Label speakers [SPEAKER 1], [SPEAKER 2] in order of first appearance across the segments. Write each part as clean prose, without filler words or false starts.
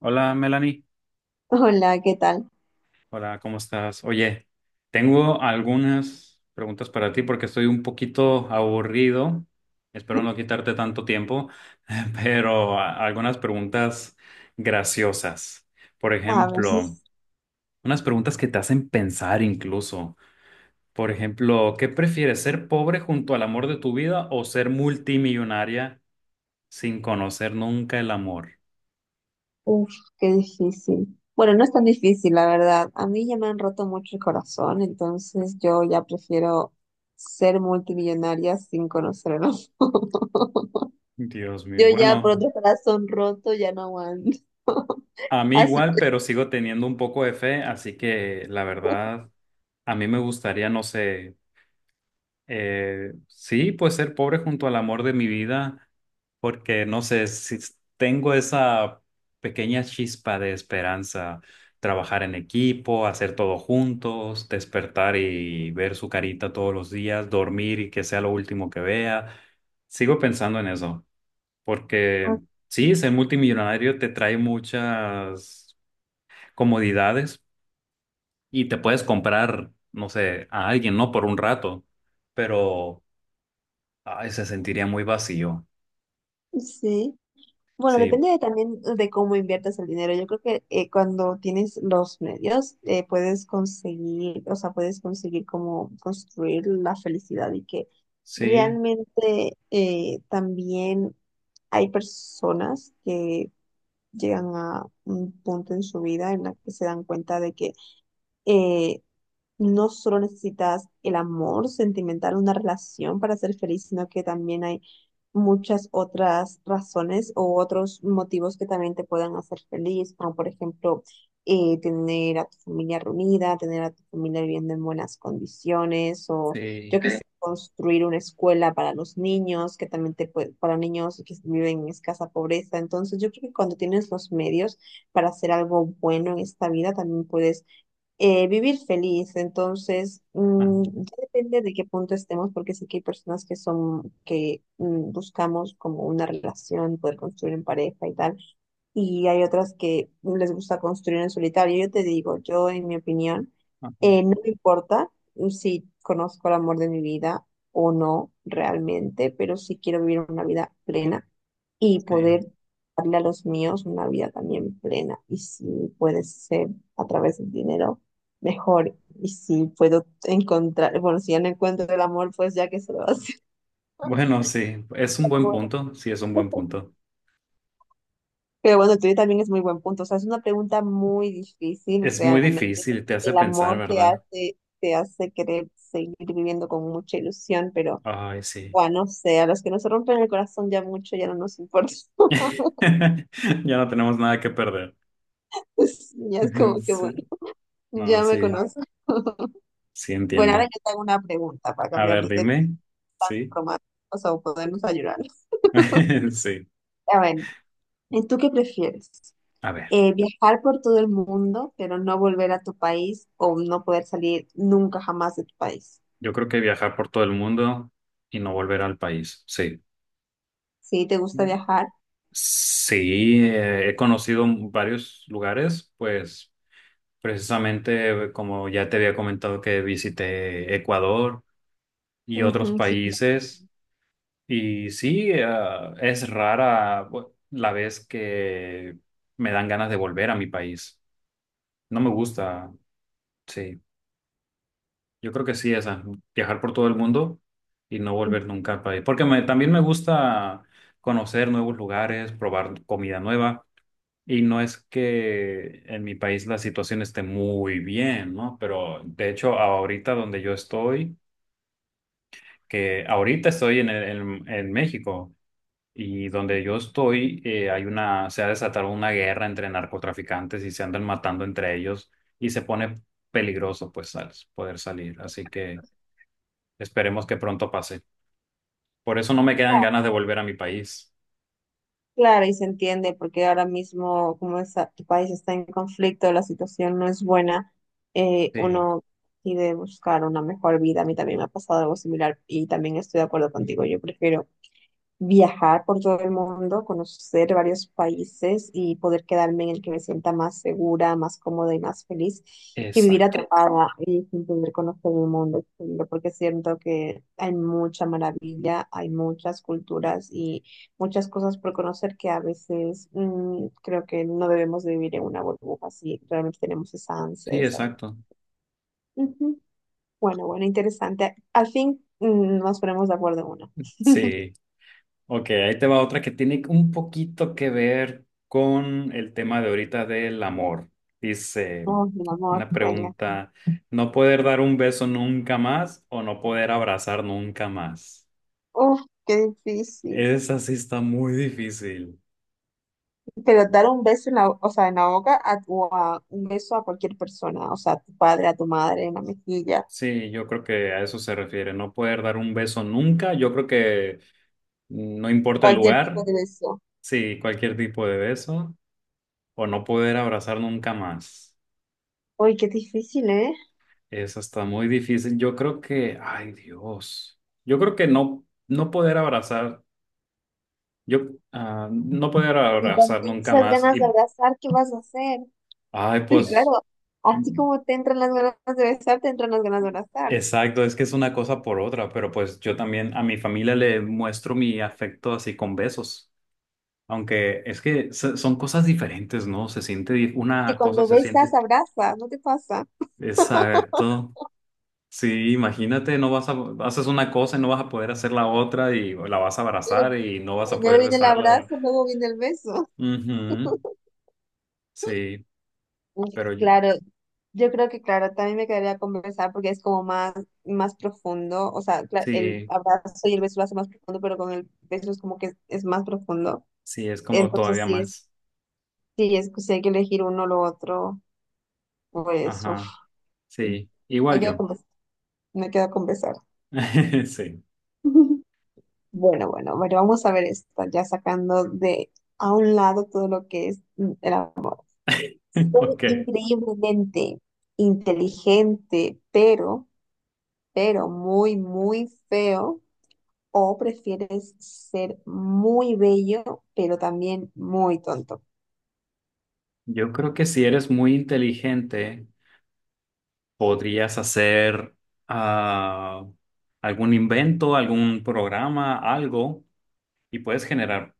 [SPEAKER 1] Hola Melanie,
[SPEAKER 2] Hola, ¿qué tal?
[SPEAKER 1] hola, ¿cómo estás? Oye, tengo algunas preguntas para ti porque estoy un poquito aburrido, espero no quitarte tanto tiempo, pero algunas preguntas graciosas. Por
[SPEAKER 2] A
[SPEAKER 1] ejemplo,
[SPEAKER 2] veces,
[SPEAKER 1] unas preguntas que te hacen pensar incluso. Por ejemplo, ¿qué prefieres, ser pobre junto al amor de tu vida o ser multimillonaria sin conocer nunca el amor?
[SPEAKER 2] uff, qué difícil. Bueno, no es tan difícil, la verdad. A mí ya me han roto mucho el corazón, entonces yo ya prefiero ser multimillonaria sin conocer el amor.
[SPEAKER 1] Dios mío,
[SPEAKER 2] Yo ya por
[SPEAKER 1] bueno.
[SPEAKER 2] otro corazón roto ya no aguanto.
[SPEAKER 1] A mí
[SPEAKER 2] Así
[SPEAKER 1] igual, pero sigo teniendo un poco de fe, así que la verdad, a mí me gustaría, no sé, sí, pues ser pobre junto al amor de mi vida, porque no sé, si tengo esa pequeña chispa de esperanza, trabajar en equipo, hacer todo juntos, despertar y ver su carita todos los días, dormir y que sea lo último que vea. Sigo pensando en eso, porque
[SPEAKER 2] que,
[SPEAKER 1] sí, ser multimillonario te trae muchas comodidades y te puedes comprar, no sé, a alguien, ¿no? Por un rato, pero ay, se sentiría muy vacío.
[SPEAKER 2] sí. Bueno,
[SPEAKER 1] Sí,
[SPEAKER 2] depende de también de cómo inviertas el dinero. Yo creo que cuando tienes los medios, puedes conseguir, o sea, puedes conseguir como construir la felicidad y que
[SPEAKER 1] sí,
[SPEAKER 2] realmente también hay personas que llegan a un punto en su vida en la que se dan cuenta de que eh, no solo necesitas el amor sentimental, una relación para ser feliz, sino que también hay muchas otras razones o otros motivos que también te puedan hacer feliz, como por ejemplo tener a tu familia reunida, tener a tu familia viviendo en buenas condiciones, o yo
[SPEAKER 1] sí.
[SPEAKER 2] que sé, construir una escuela para los niños, que también te puede, para niños que viven en escasa pobreza. Entonces, yo creo que cuando tienes los medios para hacer algo bueno en esta vida, también puedes vivir feliz. Entonces,
[SPEAKER 1] Ajá,
[SPEAKER 2] ya depende de qué punto estemos, porque sé que hay personas que son, que buscamos como una relación, poder construir en pareja y tal y hay otras que les gusta construir en solitario. Yo te digo, yo en mi opinión,
[SPEAKER 1] ajá,
[SPEAKER 2] no me importa si conozco el amor de mi vida o no realmente, pero sí quiero vivir una vida plena y
[SPEAKER 1] sí.
[SPEAKER 2] poder darle a los míos una vida también plena. Y si puede ser a través del dinero, mejor. Y si puedo encontrar, bueno, si ya no encuentro el amor, pues ya que se lo hace.
[SPEAKER 1] Bueno, sí, es un buen punto, sí, es un buen punto.
[SPEAKER 2] Pero bueno, el tuyo también es muy buen punto. O sea, es una pregunta muy difícil
[SPEAKER 1] Es muy
[SPEAKER 2] realmente,
[SPEAKER 1] difícil, te
[SPEAKER 2] porque
[SPEAKER 1] hace
[SPEAKER 2] el
[SPEAKER 1] pensar,
[SPEAKER 2] amor
[SPEAKER 1] ¿verdad?
[SPEAKER 2] te hace querer seguir viviendo con mucha ilusión, pero
[SPEAKER 1] Ay, sí.
[SPEAKER 2] bueno, no sé, a los que nos rompen el corazón ya mucho, ya no nos importa.
[SPEAKER 1] Ya no tenemos nada que perder.
[SPEAKER 2] Sí, ya es como que
[SPEAKER 1] Sí.
[SPEAKER 2] bueno,
[SPEAKER 1] No,
[SPEAKER 2] ya me
[SPEAKER 1] sí,
[SPEAKER 2] conozco.
[SPEAKER 1] sí
[SPEAKER 2] Bueno, ahora yo
[SPEAKER 1] entiendo.
[SPEAKER 2] te hago una pregunta para
[SPEAKER 1] A
[SPEAKER 2] cambiar
[SPEAKER 1] ver,
[SPEAKER 2] de tema
[SPEAKER 1] dime.
[SPEAKER 2] tan
[SPEAKER 1] Sí,
[SPEAKER 2] románticos o podernos ayudar.
[SPEAKER 1] sí.
[SPEAKER 2] A ver, ¿Y tú qué prefieres?
[SPEAKER 1] A ver.
[SPEAKER 2] ¿viajar por todo el mundo, pero no volver a tu país o no poder salir nunca jamás de tu país?
[SPEAKER 1] Yo creo que viajar por todo el mundo y no volver al país. Sí.
[SPEAKER 2] Sí, te gusta viajar.
[SPEAKER 1] Sí, he conocido varios lugares, pues precisamente como ya te había comentado que visité Ecuador y otros
[SPEAKER 2] Ujú, sí,
[SPEAKER 1] países. Y sí, es rara la vez que me dan ganas de volver a mi país. No me gusta, sí. Yo creo que sí, esa, viajar por todo el mundo y no volver nunca al país. Porque también me gusta conocer nuevos lugares, probar comida nueva. Y no es que en mi país la situación esté muy bien, ¿no? Pero de hecho, ahorita donde yo estoy, que ahorita estoy en México y donde yo estoy, hay una, se ha desatado una guerra entre narcotraficantes y se andan matando entre ellos y se pone peligroso, pues, al poder salir. Así que. Esperemos que pronto pase. Por eso no me quedan ganas de volver a mi país.
[SPEAKER 2] claro, y se entiende porque ahora mismo, como tu país está en conflicto, la situación no es buena,
[SPEAKER 1] Sí,
[SPEAKER 2] uno decide buscar una mejor vida. A mí también me ha pasado algo similar y también estoy de acuerdo contigo. Yo prefiero viajar por todo el mundo, conocer varios países y poder quedarme en el que me sienta más segura, más cómoda y más feliz que vivir
[SPEAKER 1] exacto.
[SPEAKER 2] atrapada y sin poder conocer el mundo exterior, porque siento que hay mucha maravilla, hay muchas culturas y muchas cosas por conocer que a veces creo que no debemos de vivir en una burbuja si realmente tenemos esa ansia
[SPEAKER 1] Sí,
[SPEAKER 2] de salir.
[SPEAKER 1] exacto.
[SPEAKER 2] Ujú. Bueno, bueno, interesante. Al fin nos ponemos de acuerdo en una.
[SPEAKER 1] Sí. Ok, ahí te va otra que tiene un poquito que ver con el tema de ahorita del amor. Dice
[SPEAKER 2] Oh, mi amor,
[SPEAKER 1] una
[SPEAKER 2] venga.
[SPEAKER 1] pregunta, ¿no poder dar un beso nunca más o no poder abrazar nunca más?
[SPEAKER 2] Uf, qué difícil.
[SPEAKER 1] Esa sí está muy difícil.
[SPEAKER 2] Pero dar un beso en o sea, en la boca a un beso a cualquier persona, o sea, a tu padre, a tu madre, en la mejilla,
[SPEAKER 1] Sí, yo creo que a eso se refiere, no poder dar un beso nunca. Yo creo que no importa el
[SPEAKER 2] cualquier tipo
[SPEAKER 1] lugar.
[SPEAKER 2] de beso.
[SPEAKER 1] Sí, cualquier tipo de beso o no poder abrazar nunca más.
[SPEAKER 2] Uy, qué difícil, ¿eh?
[SPEAKER 1] Eso está muy difícil. Yo creo que, ay Dios, yo creo que no, no poder abrazar, yo, no poder
[SPEAKER 2] Y con
[SPEAKER 1] abrazar nunca
[SPEAKER 2] esas
[SPEAKER 1] más.
[SPEAKER 2] ganas de
[SPEAKER 1] Y,
[SPEAKER 2] abrazar, ¿qué vas a hacer?
[SPEAKER 1] ay,
[SPEAKER 2] Porque claro,
[SPEAKER 1] pues,
[SPEAKER 2] así como te entran las ganas de besar, te entran las ganas de abrazar.
[SPEAKER 1] exacto, es que es una cosa por otra, pero pues yo también a mi familia le muestro mi afecto así con besos. Aunque es que son cosas diferentes, ¿no? Se siente,
[SPEAKER 2] Que
[SPEAKER 1] una cosa
[SPEAKER 2] cuando
[SPEAKER 1] se
[SPEAKER 2] besas,
[SPEAKER 1] siente.
[SPEAKER 2] abrazas, ¿no te pasa?
[SPEAKER 1] Exacto. Sí, imagínate, no vas a, haces una cosa y no vas a poder hacer la otra y la vas a
[SPEAKER 2] Claro,
[SPEAKER 1] abrazar y no vas a
[SPEAKER 2] primero
[SPEAKER 1] poder
[SPEAKER 2] viene el
[SPEAKER 1] besarla.
[SPEAKER 2] abrazo, luego viene el beso.
[SPEAKER 1] Ujú, sí,
[SPEAKER 2] Uf,
[SPEAKER 1] pero yo-
[SPEAKER 2] claro, yo creo que claro, también me quedaría conversar porque es como más profundo, o sea, el
[SPEAKER 1] sí,
[SPEAKER 2] abrazo y el beso lo hace más profundo, pero con el beso es como que es más profundo.
[SPEAKER 1] sí, es como
[SPEAKER 2] Entonces,
[SPEAKER 1] todavía más.
[SPEAKER 2] sí es que si hay que elegir uno o lo otro, pues uf,
[SPEAKER 1] Ajá, sí, igual
[SPEAKER 2] me quedo
[SPEAKER 1] yo.
[SPEAKER 2] con, bes- me quedo con besar.
[SPEAKER 1] Sí,
[SPEAKER 2] Bueno, bueno, bueno, vamos a ver esto, ya sacando de a un lado todo lo que es el amor. Ser
[SPEAKER 1] ok.
[SPEAKER 2] increíblemente inteligente, pero muy, muy feo, o prefieres ser muy bello, pero también muy tonto.
[SPEAKER 1] Yo creo que si eres muy inteligente, podrías hacer ah, algún invento, algún programa, algo, y puedes generar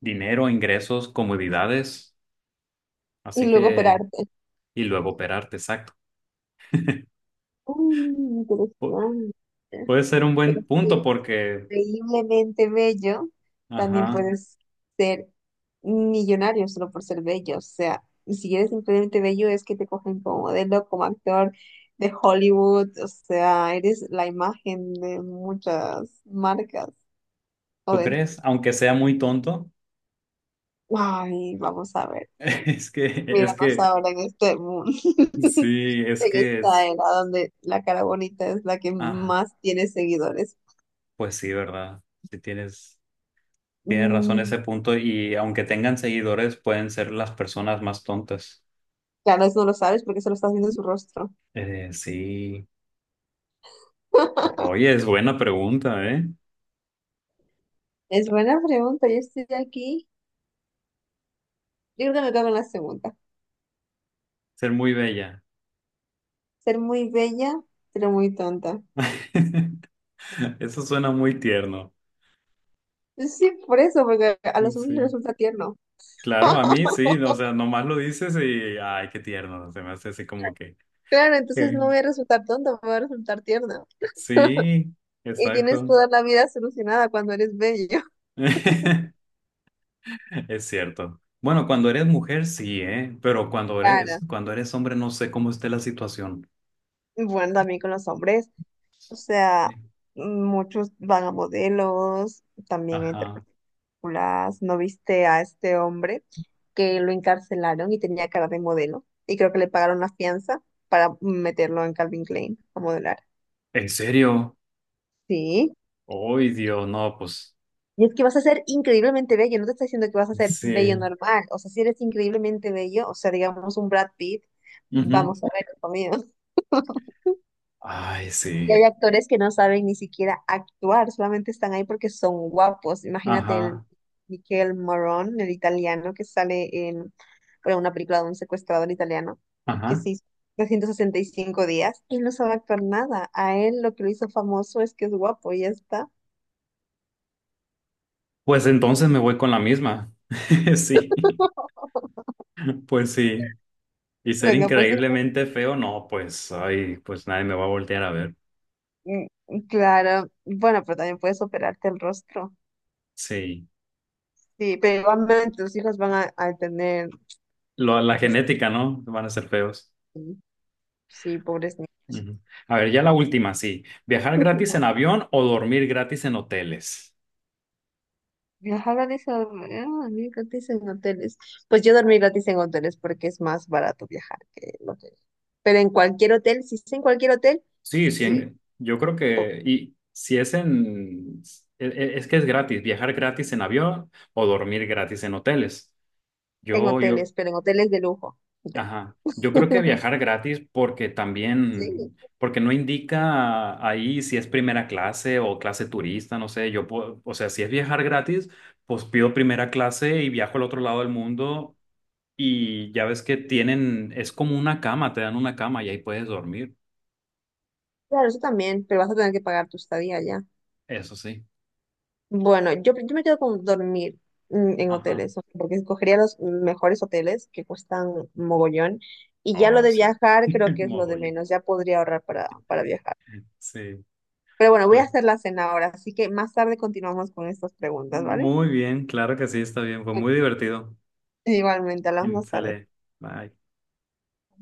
[SPEAKER 1] dinero, ingresos, comodidades.
[SPEAKER 2] Y
[SPEAKER 1] Así
[SPEAKER 2] luego
[SPEAKER 1] que...
[SPEAKER 2] operarte.
[SPEAKER 1] y luego operarte, exacto.
[SPEAKER 2] Mm,
[SPEAKER 1] Pu-
[SPEAKER 2] interesante.
[SPEAKER 1] puede ser un
[SPEAKER 2] Pero
[SPEAKER 1] buen
[SPEAKER 2] si
[SPEAKER 1] punto
[SPEAKER 2] eres
[SPEAKER 1] porque,
[SPEAKER 2] increíblemente bello, también
[SPEAKER 1] ajá,
[SPEAKER 2] puedes ser millonario solo por ser bello. O sea, y si eres increíblemente bello, es que te cogen como modelo, como actor de Hollywood. O sea, eres la imagen de muchas marcas. O
[SPEAKER 1] ¿tú
[SPEAKER 2] de...
[SPEAKER 1] crees? Aunque sea muy tonto,
[SPEAKER 2] Ay, vamos a ver.
[SPEAKER 1] es que, es
[SPEAKER 2] Míranos
[SPEAKER 1] que,
[SPEAKER 2] ahora en este mundo,
[SPEAKER 1] sí, es
[SPEAKER 2] en
[SPEAKER 1] que
[SPEAKER 2] esta
[SPEAKER 1] es,
[SPEAKER 2] era donde la cara bonita es la que
[SPEAKER 1] ah,
[SPEAKER 2] más tiene seguidores.
[SPEAKER 1] pues sí, ¿verdad? Si tienes, tienes razón
[SPEAKER 2] Mm,
[SPEAKER 1] ese punto y aunque tengan seguidores, pueden ser las personas más tontas.
[SPEAKER 2] claro, eso no lo sabes porque solo estás viendo en su rostro.
[SPEAKER 1] Sí, oye, es buena pregunta, ¿eh?
[SPEAKER 2] Es buena pregunta, yo estoy aquí. Yo creo que me cago en la segunda.
[SPEAKER 1] Ser muy bella.
[SPEAKER 2] Ser muy bella, pero muy tonta.
[SPEAKER 1] Eso suena muy tierno.
[SPEAKER 2] Sí, por eso, porque a los hombres les
[SPEAKER 1] Sí.
[SPEAKER 2] resulta tierno.
[SPEAKER 1] Claro, a mí sí, no, o sea, nomás lo dices y, ay, qué tierno, se me hace así como que,
[SPEAKER 2] Claro, entonces
[SPEAKER 1] eh,
[SPEAKER 2] no voy a resultar tonta, voy a resultar tierna.
[SPEAKER 1] sí,
[SPEAKER 2] Y tienes
[SPEAKER 1] exacto,
[SPEAKER 2] toda la vida solucionada cuando eres bello.
[SPEAKER 1] es cierto. Bueno, cuando eres mujer sí, ¿eh? Pero
[SPEAKER 2] Claro,
[SPEAKER 1] cuando eres hombre no sé cómo esté la situación.
[SPEAKER 2] bueno, también con los hombres, o sea,
[SPEAKER 1] Sí.
[SPEAKER 2] muchos van a modelos, también a
[SPEAKER 1] Ajá.
[SPEAKER 2] interpartículas. ¿No viste a este hombre que lo encarcelaron y tenía cara de modelo? Y creo que le pagaron la fianza para meterlo en Calvin Klein a modelar.
[SPEAKER 1] ¿En serio?
[SPEAKER 2] Sí.
[SPEAKER 1] Ay, Dios, no, pues,
[SPEAKER 2] Y es que vas a ser increíblemente bello, no te está diciendo que vas a ser bello
[SPEAKER 1] sí.
[SPEAKER 2] normal. O sea, si eres increíblemente bello, o sea, digamos un Brad Pitt,
[SPEAKER 1] Ujú.
[SPEAKER 2] vamos a ver, conmigo.
[SPEAKER 1] Ay,
[SPEAKER 2] Y hay
[SPEAKER 1] sí.
[SPEAKER 2] actores que no saben ni siquiera actuar, solamente están ahí porque son guapos. Imagínate el
[SPEAKER 1] Ajá,
[SPEAKER 2] Michel Morón, el italiano, que sale en bueno, una película de un secuestrador italiano, que
[SPEAKER 1] ajá.
[SPEAKER 2] se hizo 365 días. Él no sabe actuar nada. A él lo que lo hizo famoso es que es guapo y ya está.
[SPEAKER 1] Pues entonces me voy con la misma. Sí, pues sí. Y ser
[SPEAKER 2] Venga, pues
[SPEAKER 1] increíblemente feo, no, pues, ay, pues nadie me va a voltear a ver.
[SPEAKER 2] mm, claro. Bueno, pero también puedes operarte el rostro.
[SPEAKER 1] Sí.
[SPEAKER 2] Sí, pero igualmente tus hijos van a tener...
[SPEAKER 1] La
[SPEAKER 2] este,
[SPEAKER 1] genética, ¿no? Van a ser feos.
[SPEAKER 2] sí, pobres niños.
[SPEAKER 1] Ujú. A ver, ya la última, sí. ¿Viajar gratis en avión o dormir gratis en hoteles?
[SPEAKER 2] Ajá, ah, dormir gratis en hoteles. Pues yo dormí gratis en hoteles porque es más barato viajar que en hoteles. Pero en cualquier hotel, si es en cualquier hotel,
[SPEAKER 1] Sí, sí,
[SPEAKER 2] sí,
[SPEAKER 1] yo creo
[SPEAKER 2] o-
[SPEAKER 1] que, y si es en, es que es gratis, viajar gratis en avión o dormir gratis en hoteles.
[SPEAKER 2] en
[SPEAKER 1] Yo
[SPEAKER 2] hoteles, pero en hoteles de lujo. Yo.
[SPEAKER 1] ajá. Yo creo que viajar gratis porque
[SPEAKER 2] Sí,
[SPEAKER 1] también, porque no indica ahí si es primera clase o clase turista, no sé, yo puedo, o sea, si es viajar gratis, pues pido primera clase y viajo al otro lado del mundo y ya ves que tienen, es como una cama, te dan una cama y ahí puedes dormir,
[SPEAKER 2] claro, eso también, pero vas a tener que pagar tu estadía ya.
[SPEAKER 1] eso sí.
[SPEAKER 2] Bueno, yo me quedo con dormir en
[SPEAKER 1] Ajá.
[SPEAKER 2] hoteles, o sea, porque escogería los mejores hoteles que cuestan mogollón. Y ya lo
[SPEAKER 1] Oh,
[SPEAKER 2] de
[SPEAKER 1] sí.
[SPEAKER 2] viajar creo que es lo de
[SPEAKER 1] Mogollón.
[SPEAKER 2] menos, ya podría ahorrar para viajar.
[SPEAKER 1] Sí,
[SPEAKER 2] Pero bueno, voy a
[SPEAKER 1] pues
[SPEAKER 2] hacer la cena ahora, así que más tarde continuamos con estas preguntas, ¿vale?
[SPEAKER 1] muy bien, claro que sí, está bien, fue
[SPEAKER 2] Ok,
[SPEAKER 1] muy divertido.
[SPEAKER 2] igualmente, hablamos
[SPEAKER 1] Mm,
[SPEAKER 2] más tarde.
[SPEAKER 1] sale, bye.